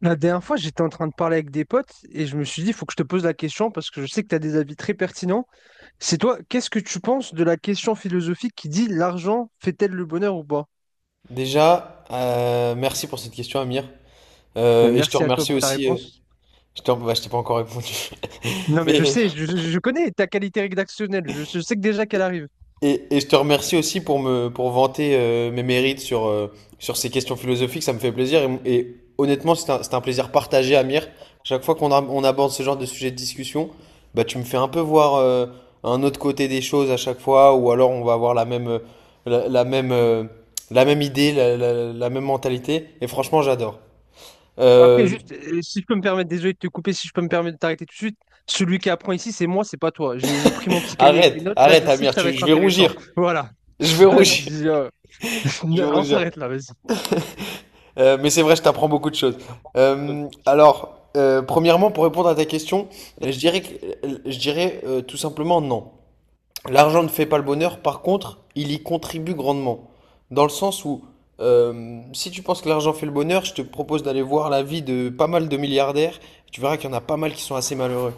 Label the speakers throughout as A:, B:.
A: La dernière fois, j'étais en train de parler avec des potes et je me suis dit, il faut que je te pose la question parce que je sais que tu as des avis très pertinents. C'est toi, qu'est-ce que tu penses de la question philosophique qui dit l'argent fait-elle le bonheur ou pas?
B: Déjà, merci pour cette question, Amir.
A: Ben,
B: Et je te
A: merci à toi
B: remercie
A: pour ta
B: aussi.
A: réponse.
B: Je je t'ai pas encore répondu.
A: Non, mais je
B: Mais,
A: sais, je connais ta qualité rédactionnelle, je sais que déjà qu'elle arrive.
B: et je te remercie aussi pour me pour vanter mes mérites sur ces questions philosophiques. Ça me fait plaisir. Et honnêtement, c'est un plaisir partagé, Amir. Chaque fois on aborde ce genre de sujet de discussion, bah, tu me fais un peu voir un autre côté des choses à chaque fois, ou alors on va avoir la la la même idée, la même mentalité. Et franchement, j'adore.
A: Après,
B: Euh,
A: juste, si je peux me permettre, désolé de te couper, si je peux me permettre de t'arrêter tout de suite, celui qui apprend ici, c'est moi, c'est pas toi. J'ai pris mon petit cahier avec des
B: Arrête,
A: notes, là, je
B: arrête,
A: sais que
B: Amir,
A: ça va être
B: je vais
A: intéressant.
B: rougir.
A: Voilà.
B: Je vais rougir.
A: Vas-y,
B: Je vais
A: On
B: rougir.
A: s'arrête là, vas-y.
B: Mais c'est vrai, je t'apprends beaucoup de choses. Premièrement, pour répondre à ta question, je dirais que, je dirais tout simplement non. L'argent ne fait pas le bonheur, par contre, il y contribue grandement. Dans le sens où si tu penses que l'argent fait le bonheur, je te propose d'aller voir la vie de pas mal de milliardaires. Tu verras qu'il y en a pas mal qui sont assez malheureux.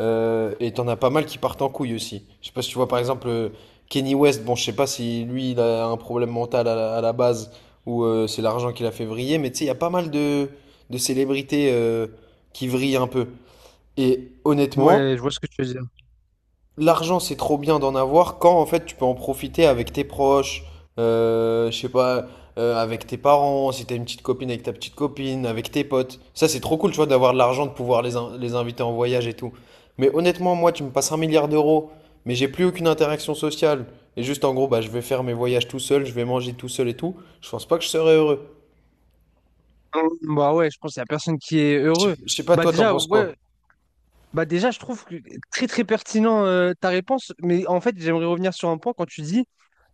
B: Et t'en as pas mal qui partent en couille aussi. Je sais pas si tu vois par exemple Kenny West. Bon, je sais pas si lui il a un problème mental à à la base ou c'est l'argent qui l'a fait vriller, mais tu sais, il y a pas mal de célébrités qui vrillent un peu. Et honnêtement,
A: Ouais, je vois ce que tu veux dire.
B: l'argent, c'est trop bien d'en avoir quand en fait tu peux en profiter avec tes proches, je sais pas, avec tes parents, si t'as une petite copine avec ta petite copine, avec tes potes. Ça, c'est trop cool, tu vois, d'avoir de l'argent, de pouvoir les inviter en voyage et tout. Mais honnêtement, moi, tu me passes un milliard d'euros, mais j'ai plus aucune interaction sociale. Et juste en gros, bah, je vais faire mes voyages tout seul, je vais manger tout seul et tout. Je pense pas que je serais heureux.
A: Bah ouais, je pense qu'il n'y a personne qui est heureux.
B: Je sais pas,
A: Bah
B: toi, t'en
A: déjà,
B: penses quoi?
A: ouais, bah déjà, je trouve que très très pertinent ta réponse, mais en fait, j'aimerais revenir sur un point quand tu dis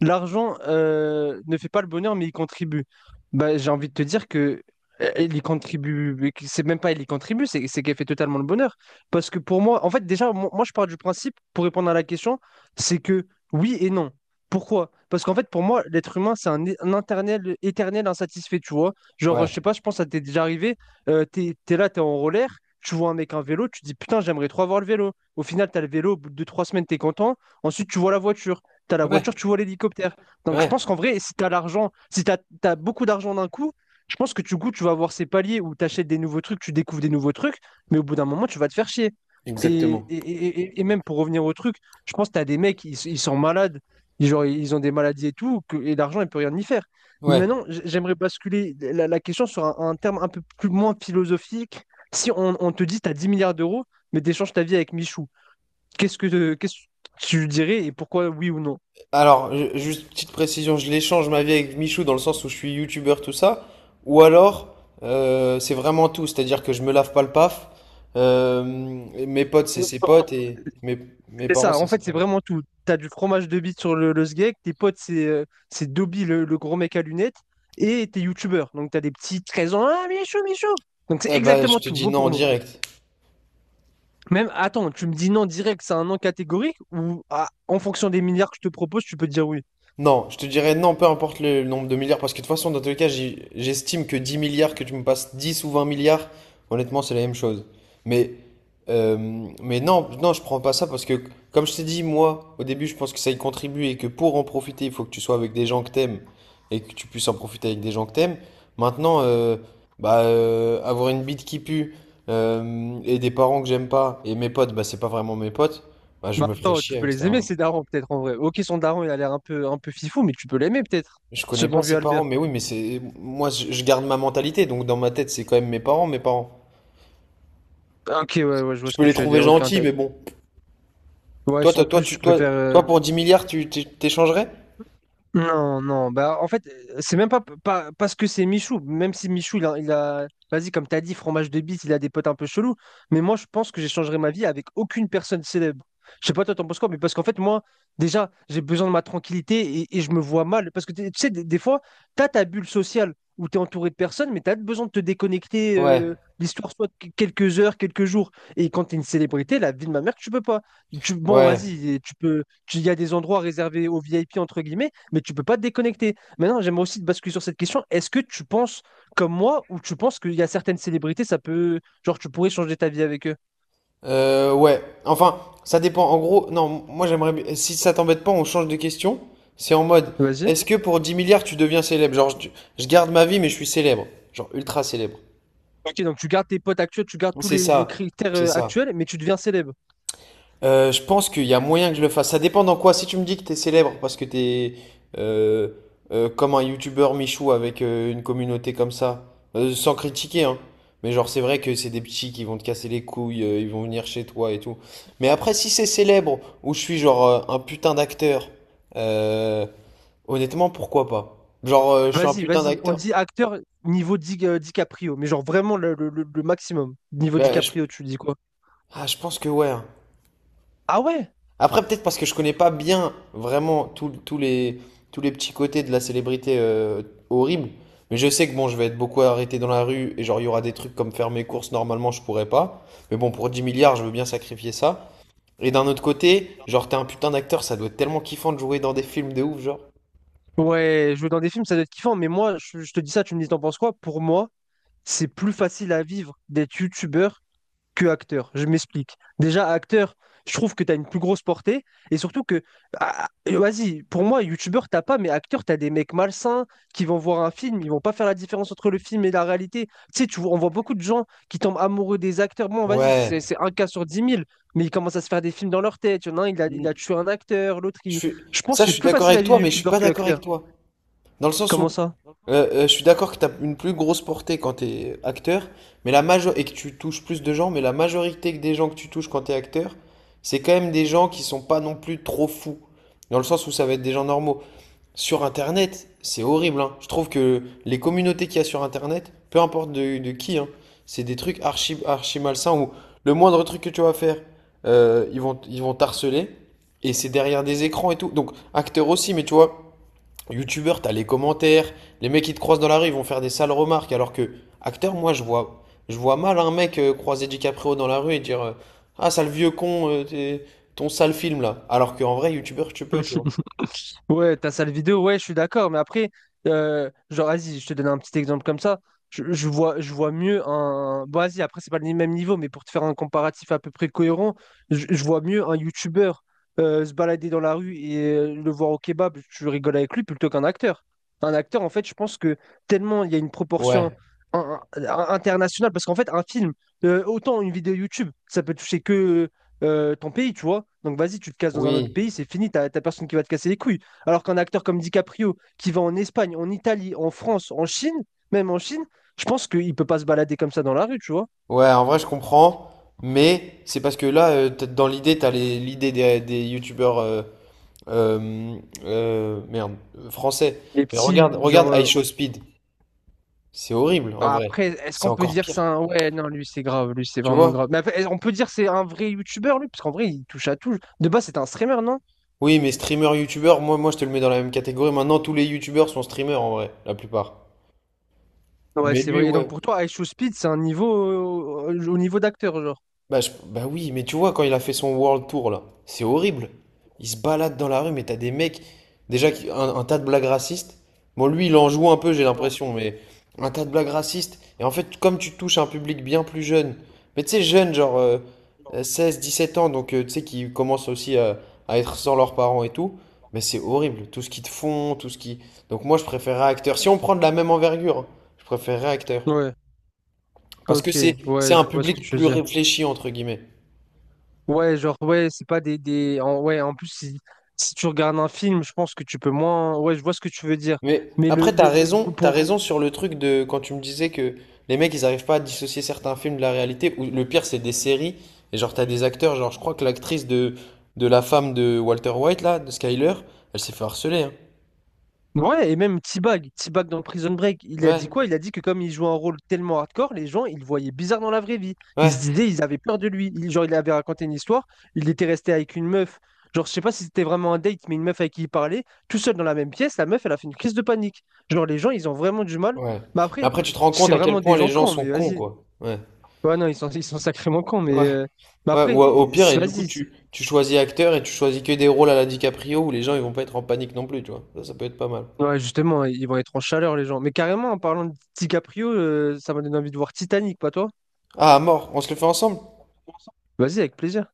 A: l'argent ne fait pas le bonheur, mais il contribue. Bah, j'ai envie de te dire que il y contribue, mais que c'est même pas il y contribue, c'est qu'elle fait totalement le bonheur. Parce que pour moi, en fait, déjà, moi, je pars du principe, pour répondre à la question, c'est que oui et non. Pourquoi? Parce qu'en fait, pour moi, l'être humain, c'est un éternel insatisfait, tu vois. Genre,
B: Ouais.
A: je sais pas, je pense que ça t'est déjà arrivé. T'es là, t'es en roller, tu vois un mec en vélo, tu te dis putain, j'aimerais trop avoir le vélo. Au final, t'as le vélo, au bout de deux, trois semaines, t'es content. Ensuite, tu vois la voiture. T'as la voiture,
B: Ouais.
A: tu vois l'hélicoptère. Donc, je
B: Ouais.
A: pense qu'en vrai, si t'as l'argent, si t'as beaucoup d'argent d'un coup, je pense que du coup, tu vas avoir ces paliers où t'achètes des nouveaux trucs, tu découvres des nouveaux trucs, mais au bout d'un moment, tu vas te faire chier. Et,
B: Exactement.
A: et, et- et et même pour revenir au truc, je pense que t'as des mecs, ils sont malades, ils, genre, ils ont des maladies et tout, et l'argent, il peut rien y faire. Mais
B: Ouais.
A: maintenant, j'aimerais basculer la question sur un terme un peu plus moins philosophique. Si on te dit tu as 10 milliards d'euros, mais t'échanges ta vie avec Michou, qu'est-ce que tu dirais et pourquoi oui ou non?
B: Alors, juste petite précision, je l'échange ma vie avec Michou dans le sens où je suis youtubeur, tout ça, ou alors c'est vraiment tout, c'est-à-dire que je me lave pas le paf, mes potes c'est ses potes et mes
A: C'est
B: parents
A: ça,
B: c'est
A: en
B: ses
A: fait, c'est
B: parents.
A: vraiment tout. T'as du fromage de bite sur le sgeg, tes potes, c'est Dobby, le gros mec à lunettes, et t'es youtubeur. Donc t'as des petits 13 ans, ah Michou, Michou! Donc c'est
B: Eh ben, je
A: exactement
B: te
A: tout,
B: dis
A: mot
B: non en
A: pour mot.
B: direct.
A: Même, attends, tu me dis non direct, c'est un non catégorique, ou ah, en fonction des milliards que je te propose, tu peux te dire oui?
B: Non, je te dirais non, peu importe le nombre de milliards, parce que de toute façon, dans tous les cas, j'estime que 10 milliards, que tu me passes 10 ou 20 milliards, honnêtement, c'est la même chose. Mais, mais non, non, je prends pas ça parce que, comme je t'ai dit, moi, au début, je pense que ça y contribue et que pour en profiter, il faut que tu sois avec des gens que t'aimes et que tu puisses en profiter avec des gens que t'aimes. Maintenant, avoir une bite qui pue et des parents que j'aime pas et mes potes, bah, c'est pas vraiment mes potes, bah, je
A: Mais
B: me ferais
A: attends, tu
B: chier
A: peux
B: avec cet
A: les aimer,
B: argent.
A: ces darons, peut-être en vrai. Ok, son daron, il a l'air un peu fifou, mais tu peux l'aimer, peut-être.
B: Je
A: Ce
B: connais
A: bon
B: pas
A: vieux
B: ses parents,
A: Albert.
B: mais oui, mais c'est. Moi, je garde ma mentalité, donc dans ma tête, c'est quand même mes parents, mes parents.
A: Ah, ok, ouais, ouais, je vois
B: Je
A: ce
B: peux
A: que
B: les
A: tu veux
B: trouver
A: dire. Ok,
B: gentils, mais bon.
A: ouais,
B: Toi, toi,
A: sans
B: toi,
A: plus,
B: tu,
A: je
B: toi,
A: préfère.
B: toi pour dix milliards, t'échangerais?
A: Non, non, bah en fait, c'est même pas, pas parce que c'est Michou, même si Michou, il a, vas-y, comme t'as dit, fromage de bise, il a des potes un peu chelous, mais moi, je pense que j'échangerai ma vie avec aucune personne célèbre. Je sais pas, toi, t'en penses quoi, mais parce qu'en fait, moi, déjà, j'ai besoin de ma tranquillité et je me vois mal, parce que tu sais, des fois, t'as ta bulle sociale où t'es entouré de personnes, mais t'as besoin de te déconnecter,
B: Ouais,
A: l'histoire soit de quelques heures, quelques jours, et quand t'es une célébrité, la vie de ma mère, tu peux pas. Tu, bon,
B: ouais.
A: vas-y, tu peux, il y a des endroits réservés aux VIP, entre guillemets, mais tu peux pas te déconnecter. Maintenant, j'aimerais aussi te basculer sur cette question. Est-ce que tu penses comme moi ou tu penses qu'il y a certaines célébrités, ça peut, genre, tu pourrais changer ta vie avec eux?
B: Ouais. Enfin, ça dépend. En gros, non, moi, Si ça t'embête pas, on change de question. C'est en mode,
A: Vas-y.
B: est-ce que pour 10 milliards, tu deviens célèbre? Je garde ma vie, mais je suis célèbre. Genre, ultra célèbre.
A: Ok, donc tu gardes tes potes actuels, tu gardes tous
B: C'est
A: les
B: ça.
A: critères
B: C'est ça.
A: actuels, mais tu deviens célèbre.
B: Je pense qu'il y a moyen que je le fasse. Ça dépend dans quoi. Si tu me dis que t'es célèbre parce que t'es euh, comme un youtubeur Michou avec une communauté comme ça, sans critiquer, hein. Mais genre c'est vrai que c'est des petits qui vont te casser les couilles, ils vont venir chez toi et tout. Mais après si c'est célèbre ou je suis genre un putain d'acteur, euh, honnêtement pourquoi pas? Genre je suis un
A: Vas-y,
B: putain
A: vas-y. On
B: d'acteur.
A: dit acteur niveau DiCaprio, mais genre vraiment le maximum. Niveau
B: Ben je,
A: DiCaprio, tu dis quoi?
B: ah, je pense que ouais. hein.
A: Ah ouais?
B: Après, peut-être parce que je connais pas bien vraiment tous les petits côtés de la célébrité horrible. Mais je sais que bon, je vais être beaucoup arrêté dans la rue et genre, il y aura des trucs comme faire mes courses, normalement, je pourrais pas. Mais bon, pour 10 milliards, je veux bien sacrifier ça. Et d'un autre côté, genre, t'es un putain d'acteur, ça doit être tellement kiffant de jouer dans des films de ouf, genre.
A: Ouais, jouer dans des films, ça doit être kiffant, mais moi, je te dis ça, tu me dis, t'en penses quoi? Pour moi, c'est plus facile à vivre d'être youtubeur que acteur. Je m'explique. Déjà, acteur, je trouve que tu as une plus grosse portée. Et surtout que, ah, et vas-y, pour moi, youtubeur, t'as pas, mais acteur, t'as des mecs malsains qui vont voir un film, ils vont pas faire la différence entre le film et la réalité. Tu sais, on voit beaucoup de gens qui tombent amoureux des acteurs. Bon, vas-y, c'est
B: Ouais.
A: c'est un cas sur 10 000, mais ils commencent à se faire des films dans leur tête. Il y en a un, il a, il
B: Mm.
A: a tué un acteur, l'autre, il... Je pense
B: Ça,
A: que
B: je
A: c'est
B: suis
A: plus
B: d'accord
A: facile à
B: avec toi,
A: vivre
B: mais je suis
A: youtubeur
B: pas
A: que
B: d'accord avec
A: acteur.
B: toi. Dans le sens
A: Comment
B: où
A: ça?
B: euh, euh, je suis d'accord que tu as une plus grosse portée quand tu es acteur, mais la major et que tu touches plus de gens, mais la majorité des gens que tu touches quand tu es acteur, c'est quand même des gens qui sont pas non plus trop fous. Dans le sens où ça va être des gens normaux. Sur Internet, c'est horrible, hein. Je trouve que les communautés qu'il y a sur Internet, peu importe de qui, hein, c'est des trucs archi, archi malsains où le moindre truc que tu vas faire, ils vont t'harceler. Et c'est derrière des écrans et tout. Donc, acteur aussi, mais tu vois. YouTubeur, t'as les commentaires, les mecs qui te croisent dans la rue, ils vont faire des sales remarques, alors que acteur, moi, je vois mal un mec croiser DiCaprio dans la rue et dire ah, sale vieux con, ton sale film là. Alors qu'en vrai, YouTubeur, tu peux, tu vois.
A: Ouais, ta salle vidéo, ouais, je suis d'accord, mais après, genre, vas-y, je te donne un petit exemple comme ça. Je vois mieux un. Bon, vas-y, après, c'est pas le même niveau, mais pour te faire un comparatif à peu près cohérent, je vois mieux un YouTuber se balader dans la rue et le voir au kebab, tu rigoles avec lui plutôt qu'un acteur. Un acteur, en fait, je pense que tellement il y a une proportion
B: Ouais,
A: internationale, parce qu'en fait, un film, autant une vidéo YouTube, ça peut toucher que ton pays, tu vois. Donc, vas-y, tu te casses dans un autre
B: oui.
A: pays, c'est fini, t'as personne qui va te casser les couilles. Alors qu'un acteur comme DiCaprio, qui va en Espagne, en Italie, en France, en Chine, même en Chine, je pense qu'il peut pas se balader comme ça dans la rue, tu vois.
B: Ouais, en vrai, je comprends, mais c'est parce que là, dans l'idée, l'idée des youtubeurs français.
A: Les
B: Mais regarde,
A: petits,
B: regarde
A: genre.
B: I Show Speed. C'est horrible, en vrai.
A: Après, est-ce
B: C'est
A: qu'on peut
B: encore
A: dire que c'est
B: pire.
A: un. Ouais, non, lui, c'est grave, lui, c'est
B: Tu
A: vraiment grave.
B: vois?
A: Mais après, on peut dire que c'est un vrai youtubeur, lui, parce qu'en vrai, il touche à tout. De base, c'est un streamer, non?
B: Oui, mais streamer, youtubeur, moi je te le mets dans la même catégorie. Maintenant, tous les youtubeurs sont streamers en vrai, la plupart.
A: Ouais,
B: Mais
A: c'est
B: lui,
A: vrai. Et donc,
B: ouais.
A: pour toi, I Show Speed, c'est un niveau. Au niveau d'acteur, genre.
B: Bah oui, mais tu vois, quand il a fait son World Tour là, c'est horrible. Il se balade dans la rue, mais t'as des mecs, un tas de blagues racistes. Bon, lui, il en joue un peu, j'ai l'impression, mais un tas de blagues racistes. Et en fait, comme tu touches un public bien plus jeune, mais tu sais, jeune, genre 16, 17 ans, donc tu sais, qui commencent aussi à être sans leurs parents et tout, mais c'est horrible, tout ce qu'ils te font, tout ce qui. Donc moi, je préférerais acteur. Si on prend de la même envergure, hein, je préférerais acteur.
A: Ouais,
B: Parce que
A: ok,
B: c'est
A: ouais, je
B: un
A: vois ce que
B: public
A: tu veux
B: plus
A: dire.
B: réfléchi, entre guillemets.
A: Ouais, genre, ouais, c'est pas des. Ouais, en plus, si tu regardes un film, je pense que tu peux moins. Ouais, je vois ce que tu veux dire.
B: Mais
A: Mais le,
B: après,
A: le, le-
B: t'as
A: pour...
B: raison sur le truc de quand tu me disais que les mecs ils arrivent pas à dissocier certains films de la réalité, ou le pire c'est des séries, et genre t'as des acteurs, genre je crois que de la femme de Walter White là, de Skyler, elle s'est fait harceler, hein.
A: Ouais, et même T-Bag, T-Bag dans Prison Break, il a dit
B: Ouais,
A: quoi? Il a dit que comme il jouait un rôle tellement hardcore, les gens, ils le voyaient bizarre dans la vraie vie. Ils se
B: ouais,
A: disaient, ils avaient peur de lui. Genre, il avait raconté une histoire, il était resté avec une meuf. Genre, je sais pas si c'était vraiment un date, mais une meuf avec qui il parlait, tout seul dans la même pièce, la meuf, elle a fait une crise de panique. Genre, les gens, ils ont vraiment du mal.
B: ouais.
A: Mais
B: Mais
A: après,
B: après tu te rends compte
A: c'est
B: à quel
A: vraiment
B: point
A: des
B: les
A: gens
B: gens
A: cons,
B: sont
A: mais
B: cons
A: vas-y.
B: quoi. Ouais,
A: Ouais, non, ils sont sacrément cons, mais,
B: ouais,
A: euh, mais
B: ouais,
A: après,
B: ou au pire, et du coup
A: vas-y.
B: tu choisis acteur et tu choisis que des rôles à la DiCaprio où les gens ils vont pas être en panique non plus, tu vois. Ça peut être pas mal.
A: Ouais, justement, ils vont être en chaleur, les gens. Mais carrément, en parlant de DiCaprio, ça m'a donné envie de voir Titanic, pas toi?
B: Ah, à mort, on se le fait ensemble?
A: Vas-y, avec plaisir.